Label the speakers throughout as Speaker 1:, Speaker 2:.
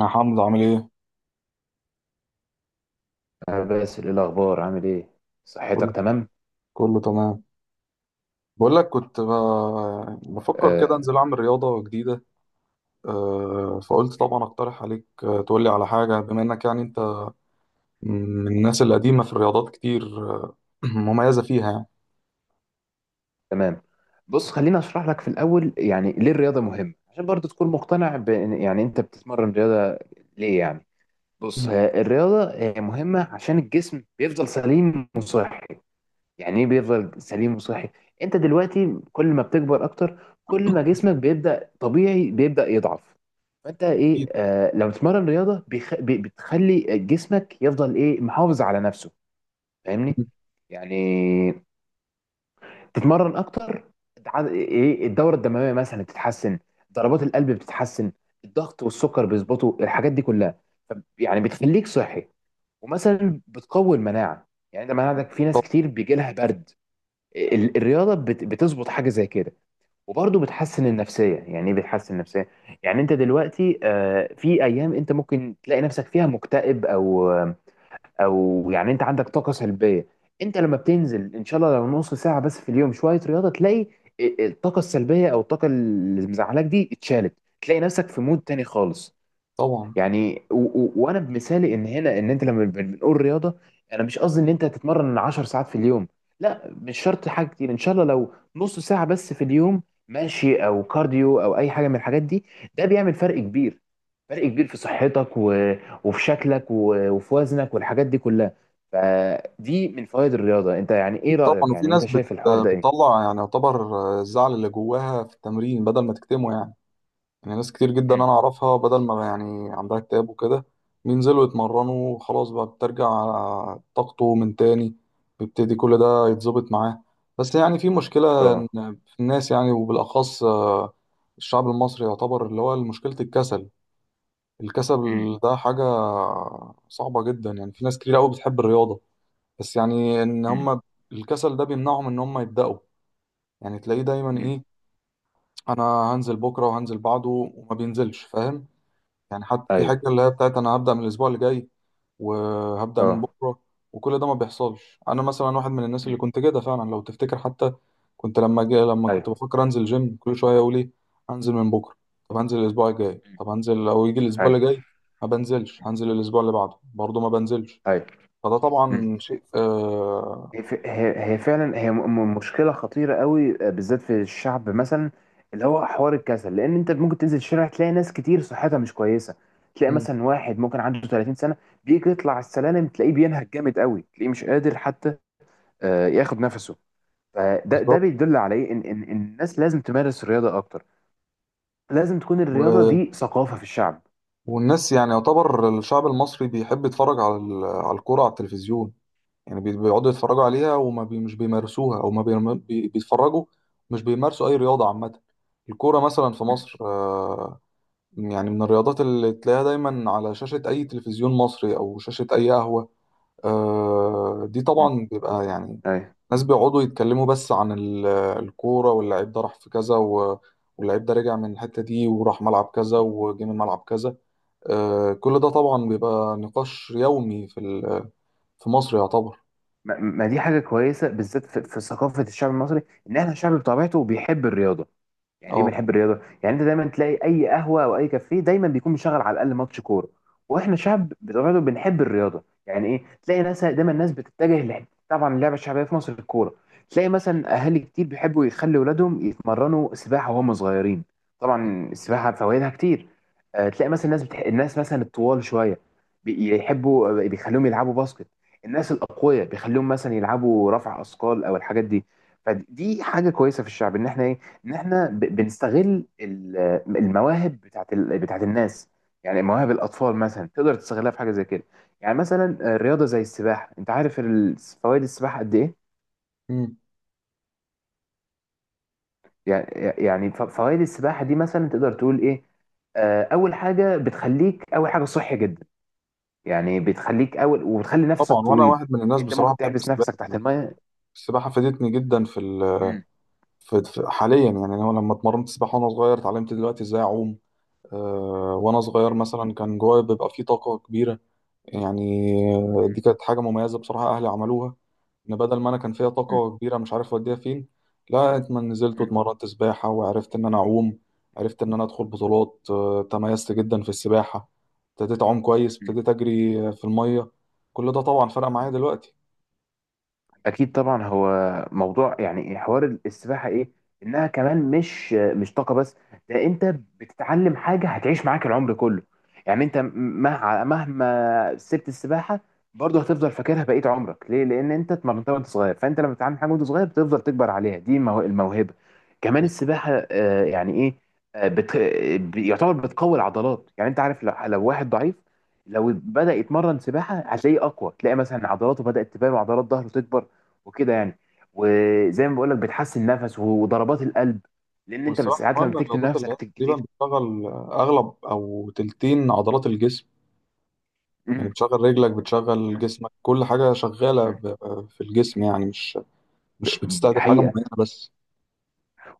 Speaker 1: يا حمزة، عامل ايه؟
Speaker 2: أنا باسل، إيه الأخبار؟ عامل إيه؟ صحتك
Speaker 1: كله
Speaker 2: تمام؟
Speaker 1: كله تمام. بقول لك كنت ب... بفكر كده
Speaker 2: آه،
Speaker 1: انزل اعمل رياضة جديدة. فقلت طبعا اقترح عليك، تقولي على حاجة، بما انك يعني انت من الناس القديمة في الرياضات كتير. مميزة فيها يعني.
Speaker 2: تمام. بص، خليني أشرح لك في الأول يعني ليه الرياضة مهمة، عشان برضو تكون مقتنع بإن يعني أنت بتتمرن رياضة ليه يعني؟ بص،
Speaker 1: مم.
Speaker 2: هي الرياضة هي مهمة عشان الجسم بيفضل سليم وصحي. يعني إيه بيفضل سليم وصحي؟ أنت دلوقتي كل ما بتكبر أكتر كل ما جسمك بيبدأ طبيعي بيبدأ يضعف. فأنت إيه
Speaker 1: أكيد.
Speaker 2: لما تتمرن رياضة بتخلي جسمك يفضل إيه محافظ على نفسه. فاهمني؟
Speaker 1: مم.
Speaker 2: يعني تتمرن اكتر. ايه الدوره الدمويه مثلا بتتحسن، ضربات القلب بتتحسن، الضغط والسكر بيظبطوا، الحاجات دي كلها، يعني بتخليك صحي. ومثلا بتقوي المناعه. يعني انت مناعتك، في ناس
Speaker 1: طب-
Speaker 2: كتير بيجي لها برد، الرياضه بتظبط حاجه زي كده. وبرضه بتحسن النفسيه. يعني ايه بتحسن النفسيه؟ يعني انت دلوقتي في ايام انت ممكن تلاقي نفسك فيها مكتئب، او يعني انت عندك طاقه سلبيه. انت لما بتنزل ان شاء الله لو نص ساعه بس في اليوم شويه رياضه تلاقي الطاقه السلبيه او الطاقه اللي مزعلاك دي اتشالت. تلاقي نفسك في مود تاني خالص.
Speaker 1: طبعا،
Speaker 2: يعني و و وانا بمثالي ان هنا ان انت لما بنقول رياضه، انا مش قصدي ان انت تتمرن 10 ساعات في اليوم. لا مش شرط حاجه كتير، ان شاء الله لو نص ساعه بس في اليوم ماشي او كارديو او اي حاجه من الحاجات دي، ده بيعمل فرق كبير. فرق كبير في صحتك وفي شكلك وفي وزنك والحاجات دي كلها. فدي من فوائد الرياضه. انت يعني
Speaker 1: أكيد
Speaker 2: ايه
Speaker 1: طبعا.
Speaker 2: رايك؟
Speaker 1: وفي
Speaker 2: يعني انت
Speaker 1: ناس
Speaker 2: شايف الحوار ده ايه؟
Speaker 1: بتطلع يعني يعتبر، الزعل اللي جواها في التمرين بدل ما تكتمه يعني. يعني ناس كتير جدا انا
Speaker 2: مم.
Speaker 1: اعرفها، بدل ما يعني عندها اكتئاب وكده، بينزلوا يتمرنوا وخلاص، بقى بترجع طاقته من تاني، بيبتدي كل ده يتظبط معاه. بس يعني في مشكلة،
Speaker 2: اه.
Speaker 1: إن في الناس يعني، وبالأخص الشعب المصري يعتبر، اللي هو مشكلة الكسل.
Speaker 2: مم.
Speaker 1: الكسل ده حاجة صعبة جدا. يعني في ناس كتير قوي بتحب الرياضة، بس يعني إن
Speaker 2: مم.
Speaker 1: هم الكسل ده بيمنعهم إن هم يبدأوا. يعني تلاقيه دايما
Speaker 2: مم.
Speaker 1: إيه، أنا هنزل بكرة وهنزل بعده، وما بينزلش، فاهم؟ يعني حتى في
Speaker 2: ايوه.
Speaker 1: حاجة اللي هي بتاعت أنا هبدأ من الأسبوع اللي جاي، وهبدأ من
Speaker 2: اه.
Speaker 1: بكرة، وكل ده ما بيحصلش. أنا مثلا واحد من الناس اللي
Speaker 2: مم.
Speaker 1: كنت كده فعلا لو تفتكر حتى، كنت لما كنت
Speaker 2: ايوه.
Speaker 1: بفكر أنزل جيم، كل شوية أقول إيه، هنزل من بكرة. طب هنزل الأسبوع الجاي،
Speaker 2: مم.
Speaker 1: طب هنزل أو يجي الأسبوع اللي
Speaker 2: ايوه،
Speaker 1: جاي ما بنزلش، هنزل الأسبوع اللي بعده برضه ما بنزلش.
Speaker 2: ايوه.
Speaker 1: فده
Speaker 2: مم.
Speaker 1: طبعا شيء.
Speaker 2: هي ف- هي هي فعلا هي م- م- مشكله خطيره قوي بالذات في الشعب، مثلا اللي هو حوار الكسل، لان انت ممكن تنزل الشارع تلاقي ناس كتير صحتها مش كويسه. تلاقي
Speaker 1: مم.
Speaker 2: مثلا واحد ممكن عنده 30 سنه بيجي يطلع السلالم تلاقيه بينهج جامد قوي، تلاقيه مش قادر حتى ياخد نفسه. فده
Speaker 1: بالظبط.
Speaker 2: بيدل على ايه؟ ان ان إن الناس لازم تمارس رياضه اكتر. لازم تكون الرياضه
Speaker 1: و...
Speaker 2: دي ثقافه في الشعب.
Speaker 1: والناس يعني يعتبر الشعب المصري بيحب يتفرج على الكورة على التلفزيون. يعني بيقعدوا يتفرجوا عليها، وما بي مش بيمارسوها، او ما بي بي- بيتفرجوا مش بيمارسوا اي رياضه عامه. الكوره مثلا في
Speaker 2: مم.
Speaker 1: مصر، يعني من الرياضات اللي تلاقيها دايما على شاشه اي تلفزيون مصري، او شاشه اي قهوه. دي
Speaker 2: مم.
Speaker 1: طبعا بيبقى يعني
Speaker 2: ايوه.
Speaker 1: ناس بيقعدوا يتكلموا بس عن الكوره، واللعيب ده راح في كذا، واللعيب ده رجع من الحته دي، وراح ملعب كذا وجه من ملعب كذا. كل ده طبعا بيبقى نقاش يومي في مصر يعتبر.
Speaker 2: ما ما دي حاجه كويسه، بالذات في ثقافه الشعب المصري، ان احنا شعب بطبيعته بيحب الرياضه. يعني ايه
Speaker 1: اه،
Speaker 2: بنحب الرياضه؟ يعني انت دايما تلاقي اي قهوه او اي كافيه دايما بيكون مشغل على الاقل ماتش كوره. واحنا شعب بطبيعته بنحب الرياضه. يعني ايه؟ تلاقي ناس دايما، الناس بتتجه طبعا اللعبه الشعبيه في مصر الكوره. تلاقي مثلا اهالي كتير بيحبوا يخلي ولادهم يتمرنوا سباحه وهم صغيرين. طبعا السباحه فوائدها كتير. تلاقي مثلا الناس مثلا الطوال شويه بيحبوا بيخليهم يلعبوا باسكت. الناس الاقوياء بيخليهم مثلا يلعبوا رفع اثقال او الحاجات دي. فدي حاجه كويسه في الشعب، ان احنا ايه؟ ان احنا بنستغل المواهب بتاعت الناس. يعني مواهب الاطفال مثلا تقدر تستغلها في حاجه زي كده. يعني مثلا رياضه زي السباحه. انت عارف فوائد السباحه قد ايه؟ يعني، يعني فوائد السباحه دي مثلا تقدر تقول ايه؟ اول حاجه بتخليك، اول حاجه صحي جدا. يعني بتخليك اول وبتخلي نفسك
Speaker 1: طبعا. وانا
Speaker 2: طويل.
Speaker 1: واحد من الناس
Speaker 2: انت
Speaker 1: بصراحه
Speaker 2: ممكن
Speaker 1: بحب
Speaker 2: تحبس
Speaker 1: السباحه
Speaker 2: نفسك تحت
Speaker 1: أنا.
Speaker 2: الميه.
Speaker 1: السباحه فادتني جدا في ال
Speaker 2: مم.
Speaker 1: في في- حاليا. يعني انا لما اتمرنت سباحه وانا صغير، اتعلمت دلوقتي ازاي اعوم. وانا صغير
Speaker 2: مم.
Speaker 1: مثلا كان جوايا بيبقى فيه طاقه كبيره، يعني. دي
Speaker 2: مم.
Speaker 1: كانت حاجه مميزه بصراحه اهلي عملوها، ان بدل ما انا كان فيها
Speaker 2: مم.
Speaker 1: طاقه كبيره مش عارف اوديها فين، لا اتمنى نزلت
Speaker 2: مم.
Speaker 1: واتمرنت سباحه، وعرفت ان انا اعوم، عرفت ان انا ادخل بطولات. تميزت جدا في السباحه، ابتديت اعوم كويس، ابتديت اجري في الميه. كل ده طبعا فرق معايا
Speaker 2: مم.
Speaker 1: دلوقتي.
Speaker 2: اكيد طبعا. هو موضوع يعني حوار السباحه ايه؟ انها كمان مش طاقه بس، ده انت بتتعلم حاجه هتعيش معاك العمر كله. يعني انت مهما سبت السباحه برضه هتفضل فاكرها بقيه عمرك. ليه؟ لان انت اتمرنتها وانت صغير، فانت لما بتتعلم حاجه وانت صغير بتفضل تكبر عليها. دي الموهبه. كمان السباحه يعني ايه؟ آه، بت... يعتبر بتقوي العضلات. يعني انت عارف لو واحد ضعيف لو بدأ يتمرن سباحة هتلاقيه أقوى. تلاقي مثلا عضلاته بدأت تبان وعضلات ظهره تكبر وكده يعني. وزي ما بقول لك، بتحسن النفس وضربات القلب، لان انت
Speaker 1: والسباحة
Speaker 2: ساعات
Speaker 1: كمان
Speaker 2: لما
Speaker 1: من
Speaker 2: تكتم
Speaker 1: الرياضات اللي
Speaker 2: نفسك
Speaker 1: هي تقريبا
Speaker 2: كتير.
Speaker 1: بتشغل أغلب أو تلتين عضلات الجسم. يعني
Speaker 2: امم.
Speaker 1: بتشغل رجلك، بتشغل جسمك، كل حاجة شغالة في الجسم. يعني مش
Speaker 2: دي
Speaker 1: بتستهدف حاجة معينة
Speaker 2: حقيقة.
Speaker 1: بس.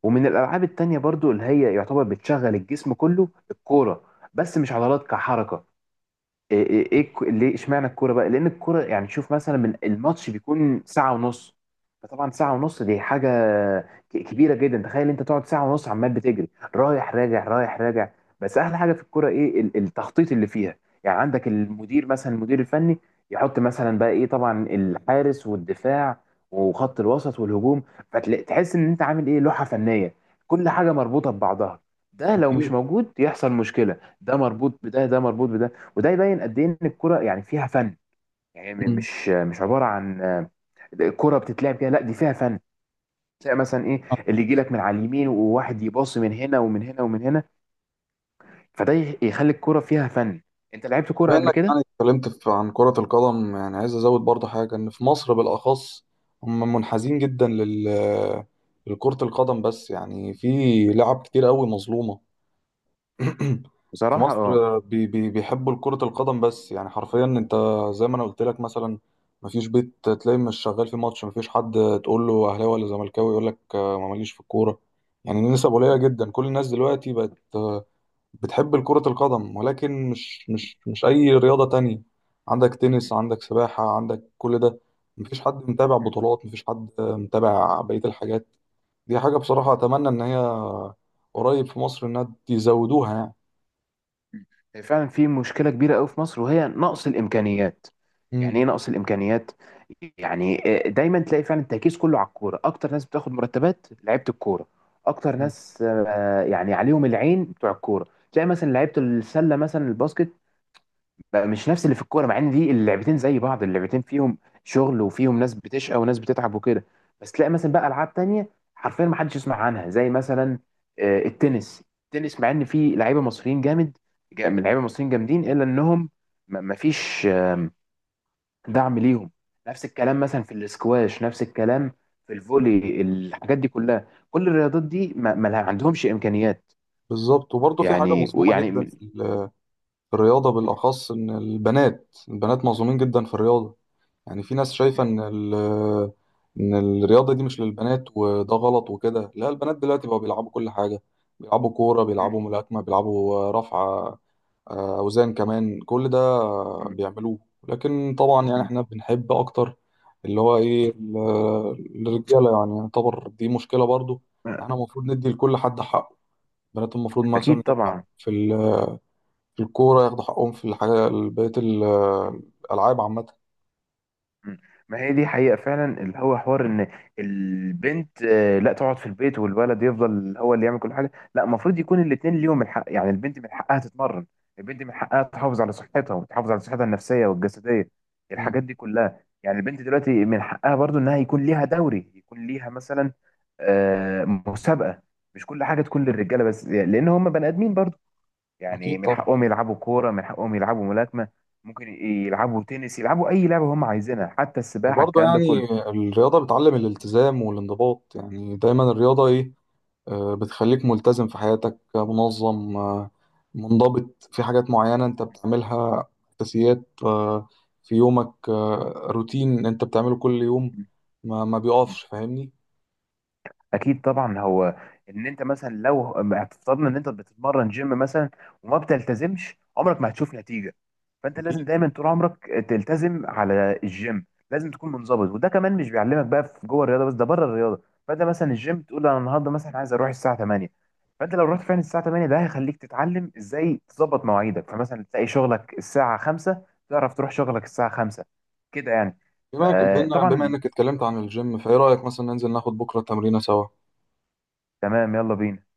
Speaker 2: ومن الألعاب التانية برضو اللي هي يعتبر بتشغل الجسم كله الكورة، بس مش عضلات كحركة. ليه اشمعنى الكوره بقى؟ لان الكوره يعني، شوف مثلا من الماتش بيكون ساعه ونص. فطبعا ساعه ونص دي حاجه كبيره جدا. تخيل انت تقعد ساعه ونص عمال بتجري، رايح راجع رايح راجع. بس احلى حاجه في الكوره ايه؟ التخطيط اللي فيها. يعني عندك المدير، مثلا المدير الفني، يحط مثلا بقى ايه؟ طبعا الحارس والدفاع وخط الوسط والهجوم. فتحس ان انت عامل ايه؟ لوحه فنيه. كل حاجه مربوطه ببعضها، ده لو مش
Speaker 1: أكيد.
Speaker 2: موجود يحصل مشكله، ده مربوط بده، ده مربوط بده. وده يبين قد ايه ان الكرة يعني فيها فن. يعني
Speaker 1: مم.
Speaker 2: مش عبارة عن كرة بتتلعب كده، لا دي فيها فن. تلاقي مثلا ايه؟ اللي يجي لك من على اليمين وواحد يباصي من هنا ومن هنا ومن هنا. فده يخلي الكرة فيها فن. انت لعبت كرة
Speaker 1: بما
Speaker 2: قبل
Speaker 1: إنك
Speaker 2: كده؟
Speaker 1: يعني اتكلمت عن كرة القدم، يعني عايز أزود برضه حاجة، إن في مصر بالأخص هم منحازين جدا لكرة القدم، بس يعني في لعب كتير قوي مظلومة. في
Speaker 2: بصراحة
Speaker 1: مصر،
Speaker 2: اه.
Speaker 1: بي بي بيحبوا كرة القدم، بس يعني حرفيا انت زي ما انا قلت لك مثلا، مفيش بيت تلاقي مش شغال في ماتش، مفيش حد تقول له اهلاوي ولا زملكاوي يقول لك ما ماليش في الكورة. يعني النسب قليلة جدا، كل الناس دلوقتي بقت بتحب كرة القدم، ولكن مش اي رياضة تانية. عندك تنس، عندك سباحة، عندك كل ده. مفيش حد متابع بطولات، مفيش حد متابع بقية الحاجات. دي حاجة بصراحة اتمنى ان هي قريب في مصر انها يزودوها يعني.
Speaker 2: هي فعلا في مشكلة كبيرة قوي في مصر، وهي نقص الإمكانيات. يعني
Speaker 1: مم.
Speaker 2: إيه نقص الإمكانيات؟ يعني دايما تلاقي فعلا التركيز كله على الكورة، أكتر ناس بتاخد مرتبات لعيبة الكورة، أكتر
Speaker 1: مم.
Speaker 2: ناس يعني عليهم العين بتوع الكورة. تلاقي مثلا لعيبة السلة مثلا الباسكت بقى مش نفس اللي في الكوره، مع ان دي اللعبتين زي بعض، اللعبتين فيهم شغل وفيهم ناس بتشقى وناس بتتعب وكده. بس تلاقي مثلا بقى العاب تانية حرفيا ما حدش يسمع عنها، زي مثلا التنس، مع ان في لعيبه مصريين جامد. من لعيبه مصريين جامدين، الا انهم ما ما فيش دعم ليهم. نفس الكلام مثلا في الاسكواش، نفس الكلام في الفولي، الحاجات دي كلها. كل الرياضات دي ما, ما عندهمش امكانيات.
Speaker 1: بالظبط. وبرضه في حاجة
Speaker 2: يعني
Speaker 1: مظلومة
Speaker 2: ويعني
Speaker 1: جدا
Speaker 2: م-
Speaker 1: في الرياضة بالأخص، إن البنات مظلومين جدا في الرياضة. يعني في ناس شايفة إن الرياضة دي مش للبنات، وده غلط وكده. لا، البنات دلوقتي بقوا بيلعبوا كل حاجة. بيلعبوا كورة،
Speaker 2: م-
Speaker 1: بيلعبوا ملاكمة، بيلعبوا رفع أوزان كمان، كل ده
Speaker 2: م-
Speaker 1: بيعملوه. لكن طبعا يعني
Speaker 2: م-
Speaker 1: إحنا بنحب أكتر اللي هو إيه الرجالة، يعني يعتبر دي مشكلة برضه. احنا
Speaker 2: م-
Speaker 1: المفروض ندي لكل حد حقه، البنات المفروض مثلا
Speaker 2: اكيد
Speaker 1: ياخدوا
Speaker 2: طبعا.
Speaker 1: حقهم في الكورة، ياخدوا حقهم في الحاجة، بقية الألعاب عامة.
Speaker 2: مم. ما هي دي حقيقة فعلا، اللي هو حوار ان البنت لا تقعد في البيت والولد يفضل هو اللي يعمل كل حاجة. لا، المفروض يكون الاتنين ليهم الحق. يعني البنت من حقها تتمرن. البنت من حقها تحافظ على صحتها، وتحافظ على صحتها النفسية والجسدية،
Speaker 1: مم.
Speaker 2: الحاجات دي كلها. يعني البنت دلوقتي من حقها برضو انها يكون ليها دوري، يكون ليها مثلا مسابقة. مش كل حاجة تكون للرجالة بس، لان هم بني ادمين برضو. يعني
Speaker 1: أكيد
Speaker 2: من
Speaker 1: طبعا.
Speaker 2: حقهم يلعبوا كورة، من حقهم يلعبوا ملاكمة. ممكن يلعبوا تنس، يلعبوا أي لعبة هم عايزينها، حتى السباحة،
Speaker 1: وبرضه
Speaker 2: الكلام ده
Speaker 1: يعني
Speaker 2: كله.
Speaker 1: الرياضة بتعلم الالتزام والانضباط، يعني دايما الرياضة إيه، بتخليك ملتزم في حياتك، منظم، منضبط في حاجات معينة أنت بتعملها، أساسيات في يومك، روتين أنت بتعمله كل يوم، ما بيقفش، فاهمني؟
Speaker 2: اكيد طبعا. هو ان انت مثلا لو افترضنا ان انت بتتمرن جيم مثلا وما بتلتزمش، عمرك ما هتشوف نتيجه. فانت لازم
Speaker 1: أكيد.
Speaker 2: دايما طول عمرك تلتزم على الجيم، لازم تكون منضبط. وده كمان مش بيعلمك بقى في جوه الرياضه بس، ده بره الرياضه. فانت مثلا الجيم تقول انا النهارده مثلا عايز اروح الساعه 8. فانت لو رحت فعلا الساعه 8 ده هيخليك تتعلم ازاي تظبط مواعيدك. فمثلا تلاقي شغلك الساعه 5، تعرف تروح شغلك الساعه 5. كده يعني.
Speaker 1: بما
Speaker 2: فطبعا
Speaker 1: إنك اتكلمت عن الجيم، فإيه رأيك مثلا ننزل ناخد بكرة تمرينة سوا؟
Speaker 2: تمام، يلا بينا.